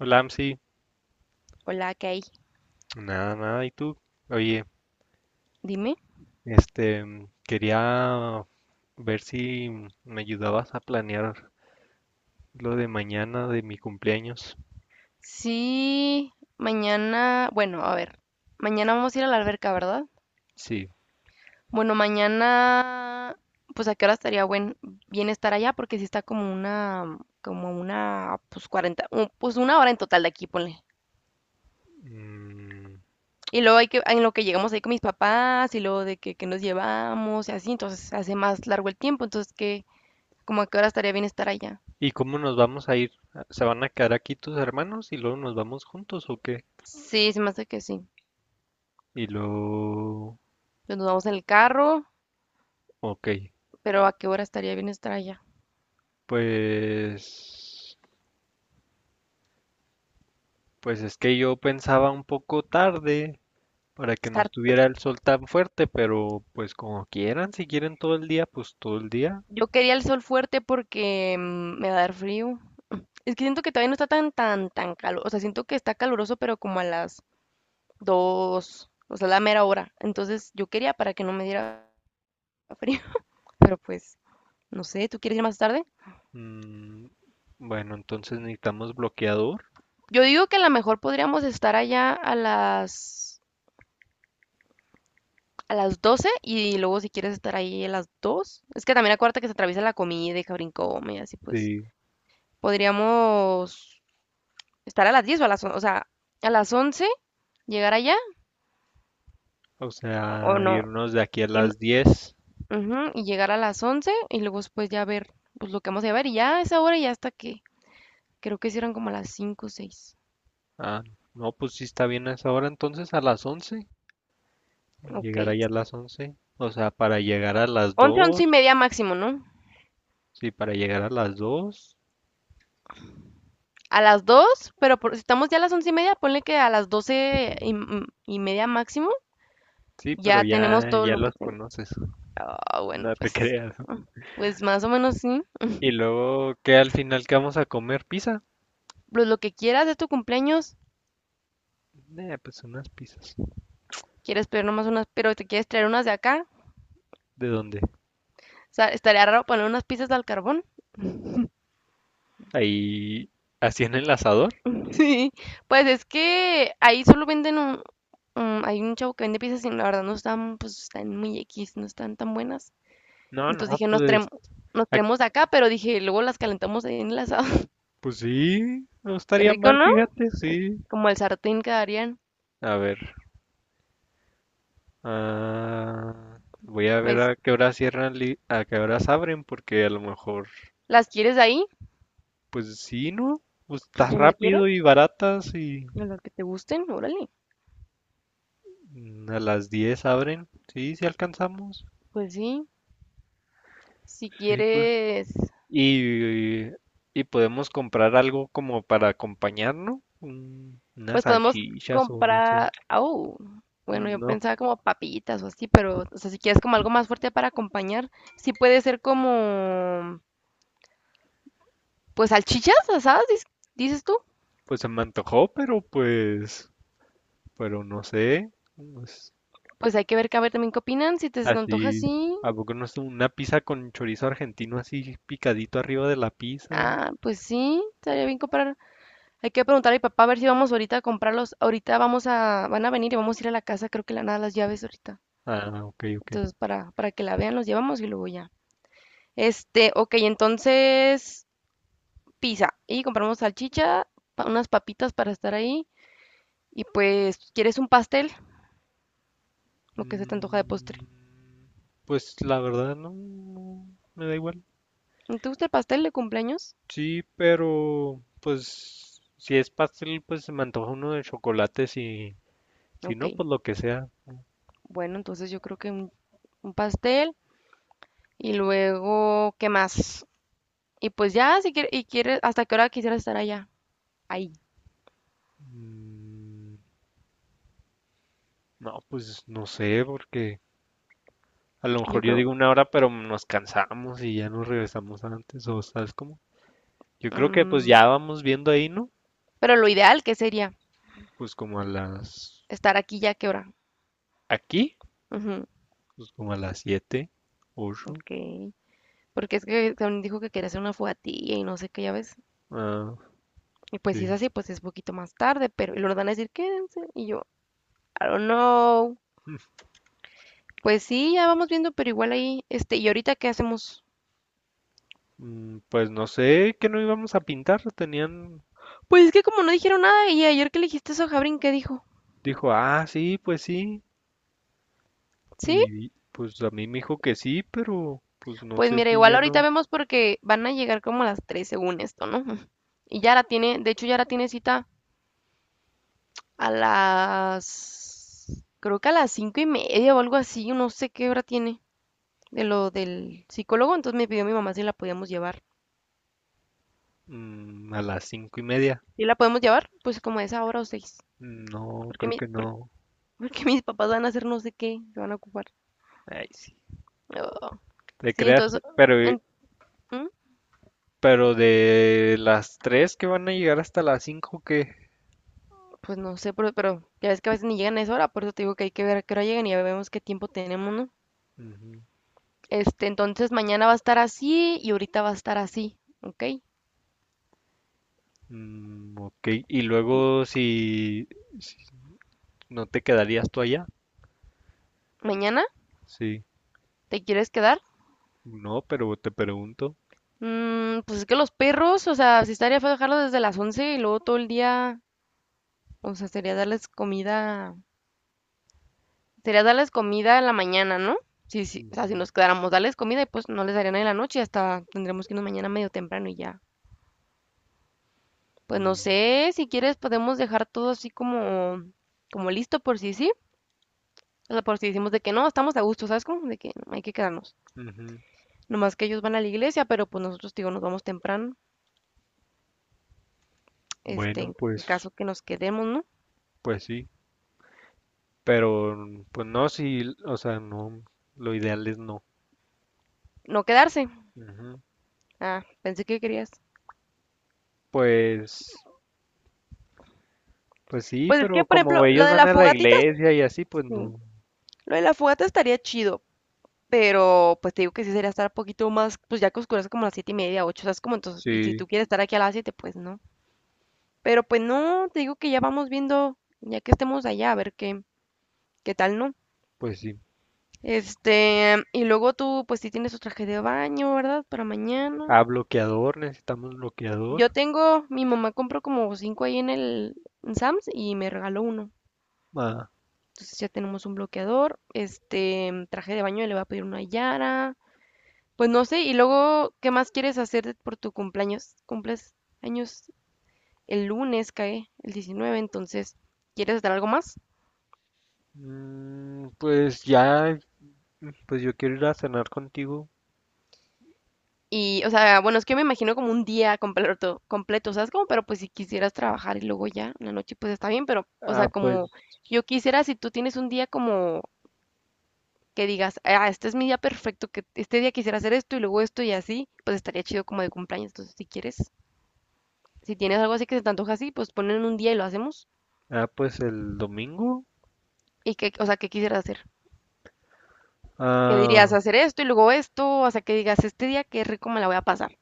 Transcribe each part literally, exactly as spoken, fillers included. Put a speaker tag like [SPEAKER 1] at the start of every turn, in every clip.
[SPEAKER 1] Hola, Amsi.
[SPEAKER 2] Hola, Kay,
[SPEAKER 1] Nada, nada. ¿Y tú? Oye,
[SPEAKER 2] dime.
[SPEAKER 1] este, mm, quería ver si mm, me ayudabas a planear lo de mañana de mi cumpleaños.
[SPEAKER 2] Sí, mañana, bueno, a ver, mañana vamos a ir a la alberca, ¿verdad?
[SPEAKER 1] Sí.
[SPEAKER 2] Bueno, mañana, pues a qué hora estaría buen, bien estar allá, porque sí está como una, como una, pues cuarenta, un- pues una hora en total de aquí, ponle.
[SPEAKER 1] Mm,
[SPEAKER 2] Y luego hay que, en lo que llegamos ahí con mis papás y luego de que, que nos llevamos y así, entonces se hace más largo el tiempo, entonces que, como a qué hora estaría bien estar allá.
[SPEAKER 1] ¿Y cómo nos vamos a ir? ¿Se van a quedar aquí tus hermanos y luego nos vamos juntos o qué?
[SPEAKER 2] Sí, se me hace que sí.
[SPEAKER 1] Y luego...
[SPEAKER 2] Entonces nos vamos en el carro,
[SPEAKER 1] Ok,
[SPEAKER 2] pero a qué hora estaría bien estar allá.
[SPEAKER 1] pues... Pues es que yo pensaba un poco tarde para que no
[SPEAKER 2] Estar,
[SPEAKER 1] estuviera el sol tan fuerte, pero pues como quieran, si quieren todo el día, pues todo el día.
[SPEAKER 2] yo quería el sol fuerte porque mm, me va a dar frío. Es que siento que todavía no está tan, tan, tan calor. O sea, siento que está caluroso, pero como a las dos, o sea, la mera hora. Entonces yo quería para que no me diera frío. Pero pues, no sé, ¿tú quieres ir más tarde?
[SPEAKER 1] Mm, bueno, entonces necesitamos bloqueador.
[SPEAKER 2] Yo digo que a lo mejor podríamos estar allá a las, a las doce y luego si quieres estar ahí a las dos. Es que también acuérdate que se atraviesa la comida y Cabrín come y así pues.
[SPEAKER 1] Sí.
[SPEAKER 2] Podríamos estar a las diez o a las, on- o sea, a las once llegar allá
[SPEAKER 1] O
[SPEAKER 2] o
[SPEAKER 1] sea,
[SPEAKER 2] no,
[SPEAKER 1] irnos de aquí a
[SPEAKER 2] y, no-
[SPEAKER 1] las diez.
[SPEAKER 2] ujú, y llegar a las once y luego después ya ver pues lo que vamos a llevar y ya a esa hora ya hasta que creo que hicieron como a las cinco o seis.
[SPEAKER 1] Ah, no, pues sí está bien a esa hora. Entonces a las once.
[SPEAKER 2] Ok,
[SPEAKER 1] Llegar allá a las once. O sea, para llegar a las
[SPEAKER 2] once once y
[SPEAKER 1] dos.
[SPEAKER 2] media máximo, ¿no?
[SPEAKER 1] Sí, para llegar a las dos.
[SPEAKER 2] A las dos pero por- si estamos ya a las once y media, ponle que a las doce y, m- y media máximo
[SPEAKER 1] Sí, pero
[SPEAKER 2] ya tenemos
[SPEAKER 1] ya,
[SPEAKER 2] todo
[SPEAKER 1] ya
[SPEAKER 2] lo que
[SPEAKER 1] los
[SPEAKER 2] tenemos.
[SPEAKER 1] conoces.
[SPEAKER 2] Ah, bueno,
[SPEAKER 1] No te
[SPEAKER 2] pues,
[SPEAKER 1] creas.
[SPEAKER 2] ah, pues más o menos sí.
[SPEAKER 1] Y luego, ¿qué al final que vamos a comer? ¿Pizza?
[SPEAKER 2] Pues lo que quieras de tu cumpleaños,
[SPEAKER 1] Eh, pues unas pizzas.
[SPEAKER 2] quieres pedir nomás unas, pero te quieres traer unas de acá.
[SPEAKER 1] ¿De dónde?
[SPEAKER 2] O sea, estaría raro poner unas pizzas al carbón.
[SPEAKER 1] Ahí, así en el asador.
[SPEAKER 2] Sí, pues es que ahí solo venden un, un- hay un chavo que vende piezas y la verdad no están, pues están muy X, no están tan buenas.
[SPEAKER 1] No,
[SPEAKER 2] Entonces
[SPEAKER 1] no,
[SPEAKER 2] dije, nos traemos,
[SPEAKER 1] pues.
[SPEAKER 2] nos traemos de acá, pero dije, luego las calentamos ahí en el asado.
[SPEAKER 1] Pues sí, no
[SPEAKER 2] Qué
[SPEAKER 1] estaría
[SPEAKER 2] rico,
[SPEAKER 1] mal,
[SPEAKER 2] ¿no?
[SPEAKER 1] fíjate, sí.
[SPEAKER 2] Como el sartén quedarían.
[SPEAKER 1] A ver, ah, voy a ver
[SPEAKER 2] Pues,
[SPEAKER 1] a qué hora cierran, li- a qué horas abren, porque a lo mejor,
[SPEAKER 2] ¿las quieres ahí?
[SPEAKER 1] pues sí, ¿no? Pues
[SPEAKER 2] Pues
[SPEAKER 1] está
[SPEAKER 2] donde quieras,
[SPEAKER 1] rápido y baratas y
[SPEAKER 2] en las que te gusten, órale.
[SPEAKER 1] mm, a las diez abren, sí, sí alcanzamos.
[SPEAKER 2] Pues sí, si
[SPEAKER 1] Sí, pues.
[SPEAKER 2] quieres.
[SPEAKER 1] Y, y podemos comprar algo como para acompañar, ¿no? Un- unas
[SPEAKER 2] Pues podemos
[SPEAKER 1] salchichas o no sé.
[SPEAKER 2] comprar, au, bueno, yo
[SPEAKER 1] No,
[SPEAKER 2] pensaba como papitas o así, pero, o sea, si quieres como algo más fuerte para acompañar, sí puede ser como, pues salchichas asadas, dices, dices tú.
[SPEAKER 1] pues se me antojó, pero pues, pero no sé. Pues,
[SPEAKER 2] Pues hay que ver, que a ver también qué opinan, si te se te antoja
[SPEAKER 1] así,
[SPEAKER 2] así.
[SPEAKER 1] ¿a poco no es una pizza con chorizo argentino así picadito arriba de la pizza?
[SPEAKER 2] Ah, pues sí, estaría bien comprar. Hay que preguntar a mi papá a ver si vamos ahorita a comprarlos. Ahorita vamos a, van a venir y vamos a ir a la casa, creo que le van a dar las llaves ahorita.
[SPEAKER 1] Ah, ok, ok.
[SPEAKER 2] Entonces, para, para que la vean, los llevamos y luego ya. Este, ok, entonces pizza y compramos salchicha, pa- unas papitas para estar ahí y pues quieres un pastel, lo que se te antoja de postre.
[SPEAKER 1] Mm, pues la verdad no, no, me da igual.
[SPEAKER 2] ¿No? ¿Te gusta el pastel de cumpleaños?
[SPEAKER 1] Sí, pero pues si es pastel, pues se me antoja uno de chocolate, si, si
[SPEAKER 2] Ok,
[SPEAKER 1] no, pues lo que sea.
[SPEAKER 2] bueno, entonces yo creo que un, un pastel y luego, ¿qué más? Y pues ya, si quieres, y quieres, ¿hasta qué hora quisieras estar allá? Ahí,
[SPEAKER 1] Mm, no, pues no sé, porque a lo
[SPEAKER 2] yo
[SPEAKER 1] mejor yo
[SPEAKER 2] creo.
[SPEAKER 1] digo una hora, pero nos cansamos y ya nos regresamos antes, o sabes cómo. Yo creo que pues
[SPEAKER 2] Mm,
[SPEAKER 1] ya vamos viendo ahí, ¿no?
[SPEAKER 2] pero lo ideal, ¿qué sería?
[SPEAKER 1] Pues como a las...
[SPEAKER 2] Estar aquí ya, ¿qué hora?
[SPEAKER 1] Aquí,
[SPEAKER 2] Ujú,
[SPEAKER 1] pues como a las siete ocho.
[SPEAKER 2] ok. Porque es que también dijo que quería hacer una fogatilla y no sé qué, ya ves.
[SPEAKER 1] Ah,
[SPEAKER 2] Y pues si es
[SPEAKER 1] sí.
[SPEAKER 2] así, pues es poquito más tarde, pero y luego van a decir, quédense. Y yo, I don't know. Pues sí, ya vamos viendo, pero igual ahí, este, ¿y ahorita qué hacemos?
[SPEAKER 1] Mm, Pues no sé que no íbamos a pintar. Tenían...
[SPEAKER 2] Pues es que como no dijeron nada, y ayer que le dijiste eso a Jabrin, ¿qué dijo?
[SPEAKER 1] Dijo, ah, sí, pues sí.
[SPEAKER 2] ¿Sí?
[SPEAKER 1] Y pues a mí me dijo que sí, pero pues no
[SPEAKER 2] Pues
[SPEAKER 1] sé
[SPEAKER 2] mira,
[SPEAKER 1] si
[SPEAKER 2] igual
[SPEAKER 1] ya
[SPEAKER 2] ahorita
[SPEAKER 1] no.
[SPEAKER 2] vemos porque van a llegar como a las tres según esto, ¿no? Y ya la tiene, de hecho ya la tiene cita a las, creo que a las cinco y media o algo así, no sé qué hora tiene de lo del psicólogo, entonces me pidió mi mamá si la podíamos llevar.
[SPEAKER 1] Mm, a las cinco y media.
[SPEAKER 2] ¿Y la podemos llevar? Pues como a esa hora o seis.
[SPEAKER 1] mm, No,
[SPEAKER 2] Porque,
[SPEAKER 1] creo
[SPEAKER 2] mi,
[SPEAKER 1] que
[SPEAKER 2] por-
[SPEAKER 1] no.
[SPEAKER 2] porque mis papás van a hacer no sé qué, se van a ocupar.
[SPEAKER 1] Ay, sí.
[SPEAKER 2] Ah,
[SPEAKER 1] Te
[SPEAKER 2] sí,
[SPEAKER 1] creas,
[SPEAKER 2] entonces,
[SPEAKER 1] pero,
[SPEAKER 2] en- ¿mm?
[SPEAKER 1] pero de las tres que van a llegar hasta las cinco que...
[SPEAKER 2] Pues no sé, pero, pero ya ves que a veces ni llegan a esa hora, por eso te digo que hay que ver a qué hora llegan y ya vemos qué tiempo tenemos, ¿no?
[SPEAKER 1] Ujú.
[SPEAKER 2] Este, entonces mañana va a estar así y ahorita va a estar así, ¿ok?
[SPEAKER 1] Mm, ok, y
[SPEAKER 2] ¿Y
[SPEAKER 1] luego si, ¿no te quedarías tú allá?
[SPEAKER 2] mañana
[SPEAKER 1] Sí.
[SPEAKER 2] te quieres quedar?
[SPEAKER 1] No, pero te pregunto.
[SPEAKER 2] Mm, pues es que los perros, o sea, si estaría fue dejarlos desde las once y luego todo el día, o sea, sería darles comida sería darles comida en la mañana, ¿no? Sí, sí, o sea, si
[SPEAKER 1] Ujú.
[SPEAKER 2] nos quedáramos, darles comida y pues no les darían en la noche, hasta tendremos que irnos mañana medio temprano y ya. Pues no
[SPEAKER 1] Mm,
[SPEAKER 2] sé, si quieres podemos dejar todo así como, como listo por si sí. O sea, por si decimos de que no, estamos a gusto, ¿sabes cómo? De que no, hay que quedarnos.
[SPEAKER 1] ujú.
[SPEAKER 2] Nomás que ellos van a la iglesia, pero pues nosotros, digo, nos vamos temprano, este,
[SPEAKER 1] Bueno,
[SPEAKER 2] en
[SPEAKER 1] pues,
[SPEAKER 2] caso que nos quedemos, ¿no?
[SPEAKER 1] pues sí. Pero, mm, pues no, sí, o sea, no, lo ideal es no.
[SPEAKER 2] No quedarse.
[SPEAKER 1] Ujú.
[SPEAKER 2] Ah, pensé que querías.
[SPEAKER 1] Pues, pues sí,
[SPEAKER 2] Pues es que,
[SPEAKER 1] pero
[SPEAKER 2] por
[SPEAKER 1] como
[SPEAKER 2] ejemplo, lo
[SPEAKER 1] ellos
[SPEAKER 2] de
[SPEAKER 1] van
[SPEAKER 2] la
[SPEAKER 1] a la
[SPEAKER 2] fogatita,
[SPEAKER 1] iglesia y así, pues
[SPEAKER 2] sí.
[SPEAKER 1] no.
[SPEAKER 2] Lo de la fogata estaría chido. Pero pues te digo que sí sería estar un poquito más, pues ya que oscurece como a las siete y media, ocho, ¿sabes? Como entonces, y si
[SPEAKER 1] Sí,
[SPEAKER 2] tú quieres estar aquí a las siete, pues no. Pero pues no, te digo que ya vamos viendo, ya que estemos allá, a ver qué, qué tal, ¿no?
[SPEAKER 1] pues sí.
[SPEAKER 2] Este, y luego tú, pues sí tienes tu traje de baño, ¿verdad? Para mañana.
[SPEAKER 1] Ah, bloqueador, necesitamos
[SPEAKER 2] Yo
[SPEAKER 1] bloqueador.
[SPEAKER 2] tengo, mi mamá compró como cinco ahí en el en Sam's y me regaló uno.
[SPEAKER 1] Ah,
[SPEAKER 2] Entonces ya tenemos un bloqueador, este, traje de baño le voy a pedir una Yara. Pues no sé, y luego, ¿qué más quieres hacer de- por tu cumpleaños? Cumples años el lunes, cae el diecinueve, entonces, ¿quieres hacer algo más?
[SPEAKER 1] mm, pues ya, pues yo quiero ir a cenar contigo.
[SPEAKER 2] Y, o sea, bueno, es que me imagino como un día completo, completo, ¿sabes? Como, pero pues si quisieras trabajar y luego ya en la noche, pues está bien, pero, o
[SPEAKER 1] Ah,
[SPEAKER 2] sea, como
[SPEAKER 1] pues,
[SPEAKER 2] yo quisiera, si tú tienes un día como que digas, ah, este es mi día perfecto, que este día quisiera hacer esto y luego esto y así, pues estaría chido como de cumpleaños. Entonces, si quieres, si tienes algo así que se te antoja así, pues ponen un día y lo hacemos.
[SPEAKER 1] ah, pues el domingo.
[SPEAKER 2] Y que, o sea, ¿qué quisieras hacer? Que dirías
[SPEAKER 1] Ah,
[SPEAKER 2] hacer esto y luego esto, hasta que digas, este día qué rico me la voy a pasar.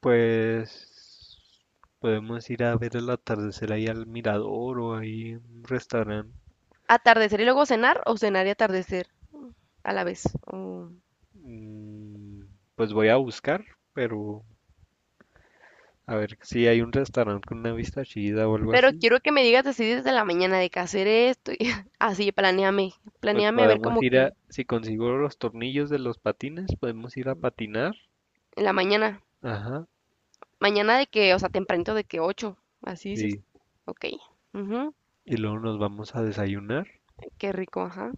[SPEAKER 1] pues podemos ir a ver el atardecer ahí al mirador o ahí en un restaurante.
[SPEAKER 2] Atardecer y luego cenar o cenar y atardecer a la vez. Oh.
[SPEAKER 1] Mm, Pues voy a buscar, pero a ver si hay un restaurante con una vista chida o algo
[SPEAKER 2] Pero
[SPEAKER 1] así.
[SPEAKER 2] quiero que me digas así desde la mañana de que hacer esto y así, planeame,
[SPEAKER 1] Pues
[SPEAKER 2] planeame a ver
[SPEAKER 1] podemos
[SPEAKER 2] como
[SPEAKER 1] ir a,
[SPEAKER 2] que
[SPEAKER 1] si consigo los tornillos de los patines, podemos ir a patinar.
[SPEAKER 2] en la mañana,
[SPEAKER 1] Ajá,
[SPEAKER 2] mañana de que, o sea, tempranito de que ocho, así dices.
[SPEAKER 1] sí.
[SPEAKER 2] Ok, ujú,
[SPEAKER 1] Y luego nos vamos a desayunar.
[SPEAKER 2] qué rico, ajá.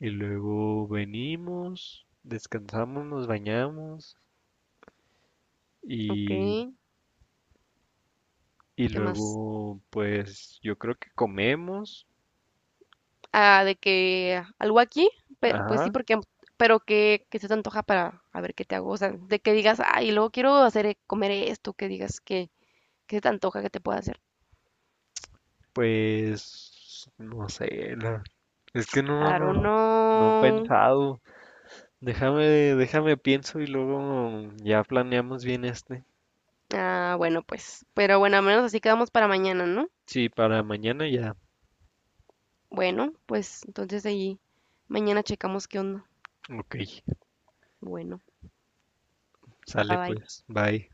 [SPEAKER 1] Y luego venimos, descansamos, nos bañamos
[SPEAKER 2] Ok,
[SPEAKER 1] y Y
[SPEAKER 2] ¿qué más?
[SPEAKER 1] luego, pues yo creo que comemos.
[SPEAKER 2] Ah, de que algo aquí, pe- pues sí,
[SPEAKER 1] Ajá,
[SPEAKER 2] porque, pero que, que se te antoja para a ver qué te hago, o sea, de que digas, ay, luego quiero hacer e- comer esto, que digas que, que se te antoja que te pueda hacer.
[SPEAKER 1] pues no sé, la- es que no,
[SPEAKER 2] I
[SPEAKER 1] no,
[SPEAKER 2] don't
[SPEAKER 1] no no he
[SPEAKER 2] know.
[SPEAKER 1] pensado. Déjame, déjame pienso y luego ya planeamos bien este.
[SPEAKER 2] Ah, bueno, pues, pero bueno, al menos así quedamos para mañana, ¿no?
[SPEAKER 1] Sí, para mañana ya.
[SPEAKER 2] Bueno, pues entonces ahí mañana checamos qué onda.
[SPEAKER 1] Ok,
[SPEAKER 2] Bueno, bye
[SPEAKER 1] sale
[SPEAKER 2] bye.
[SPEAKER 1] pues, bye.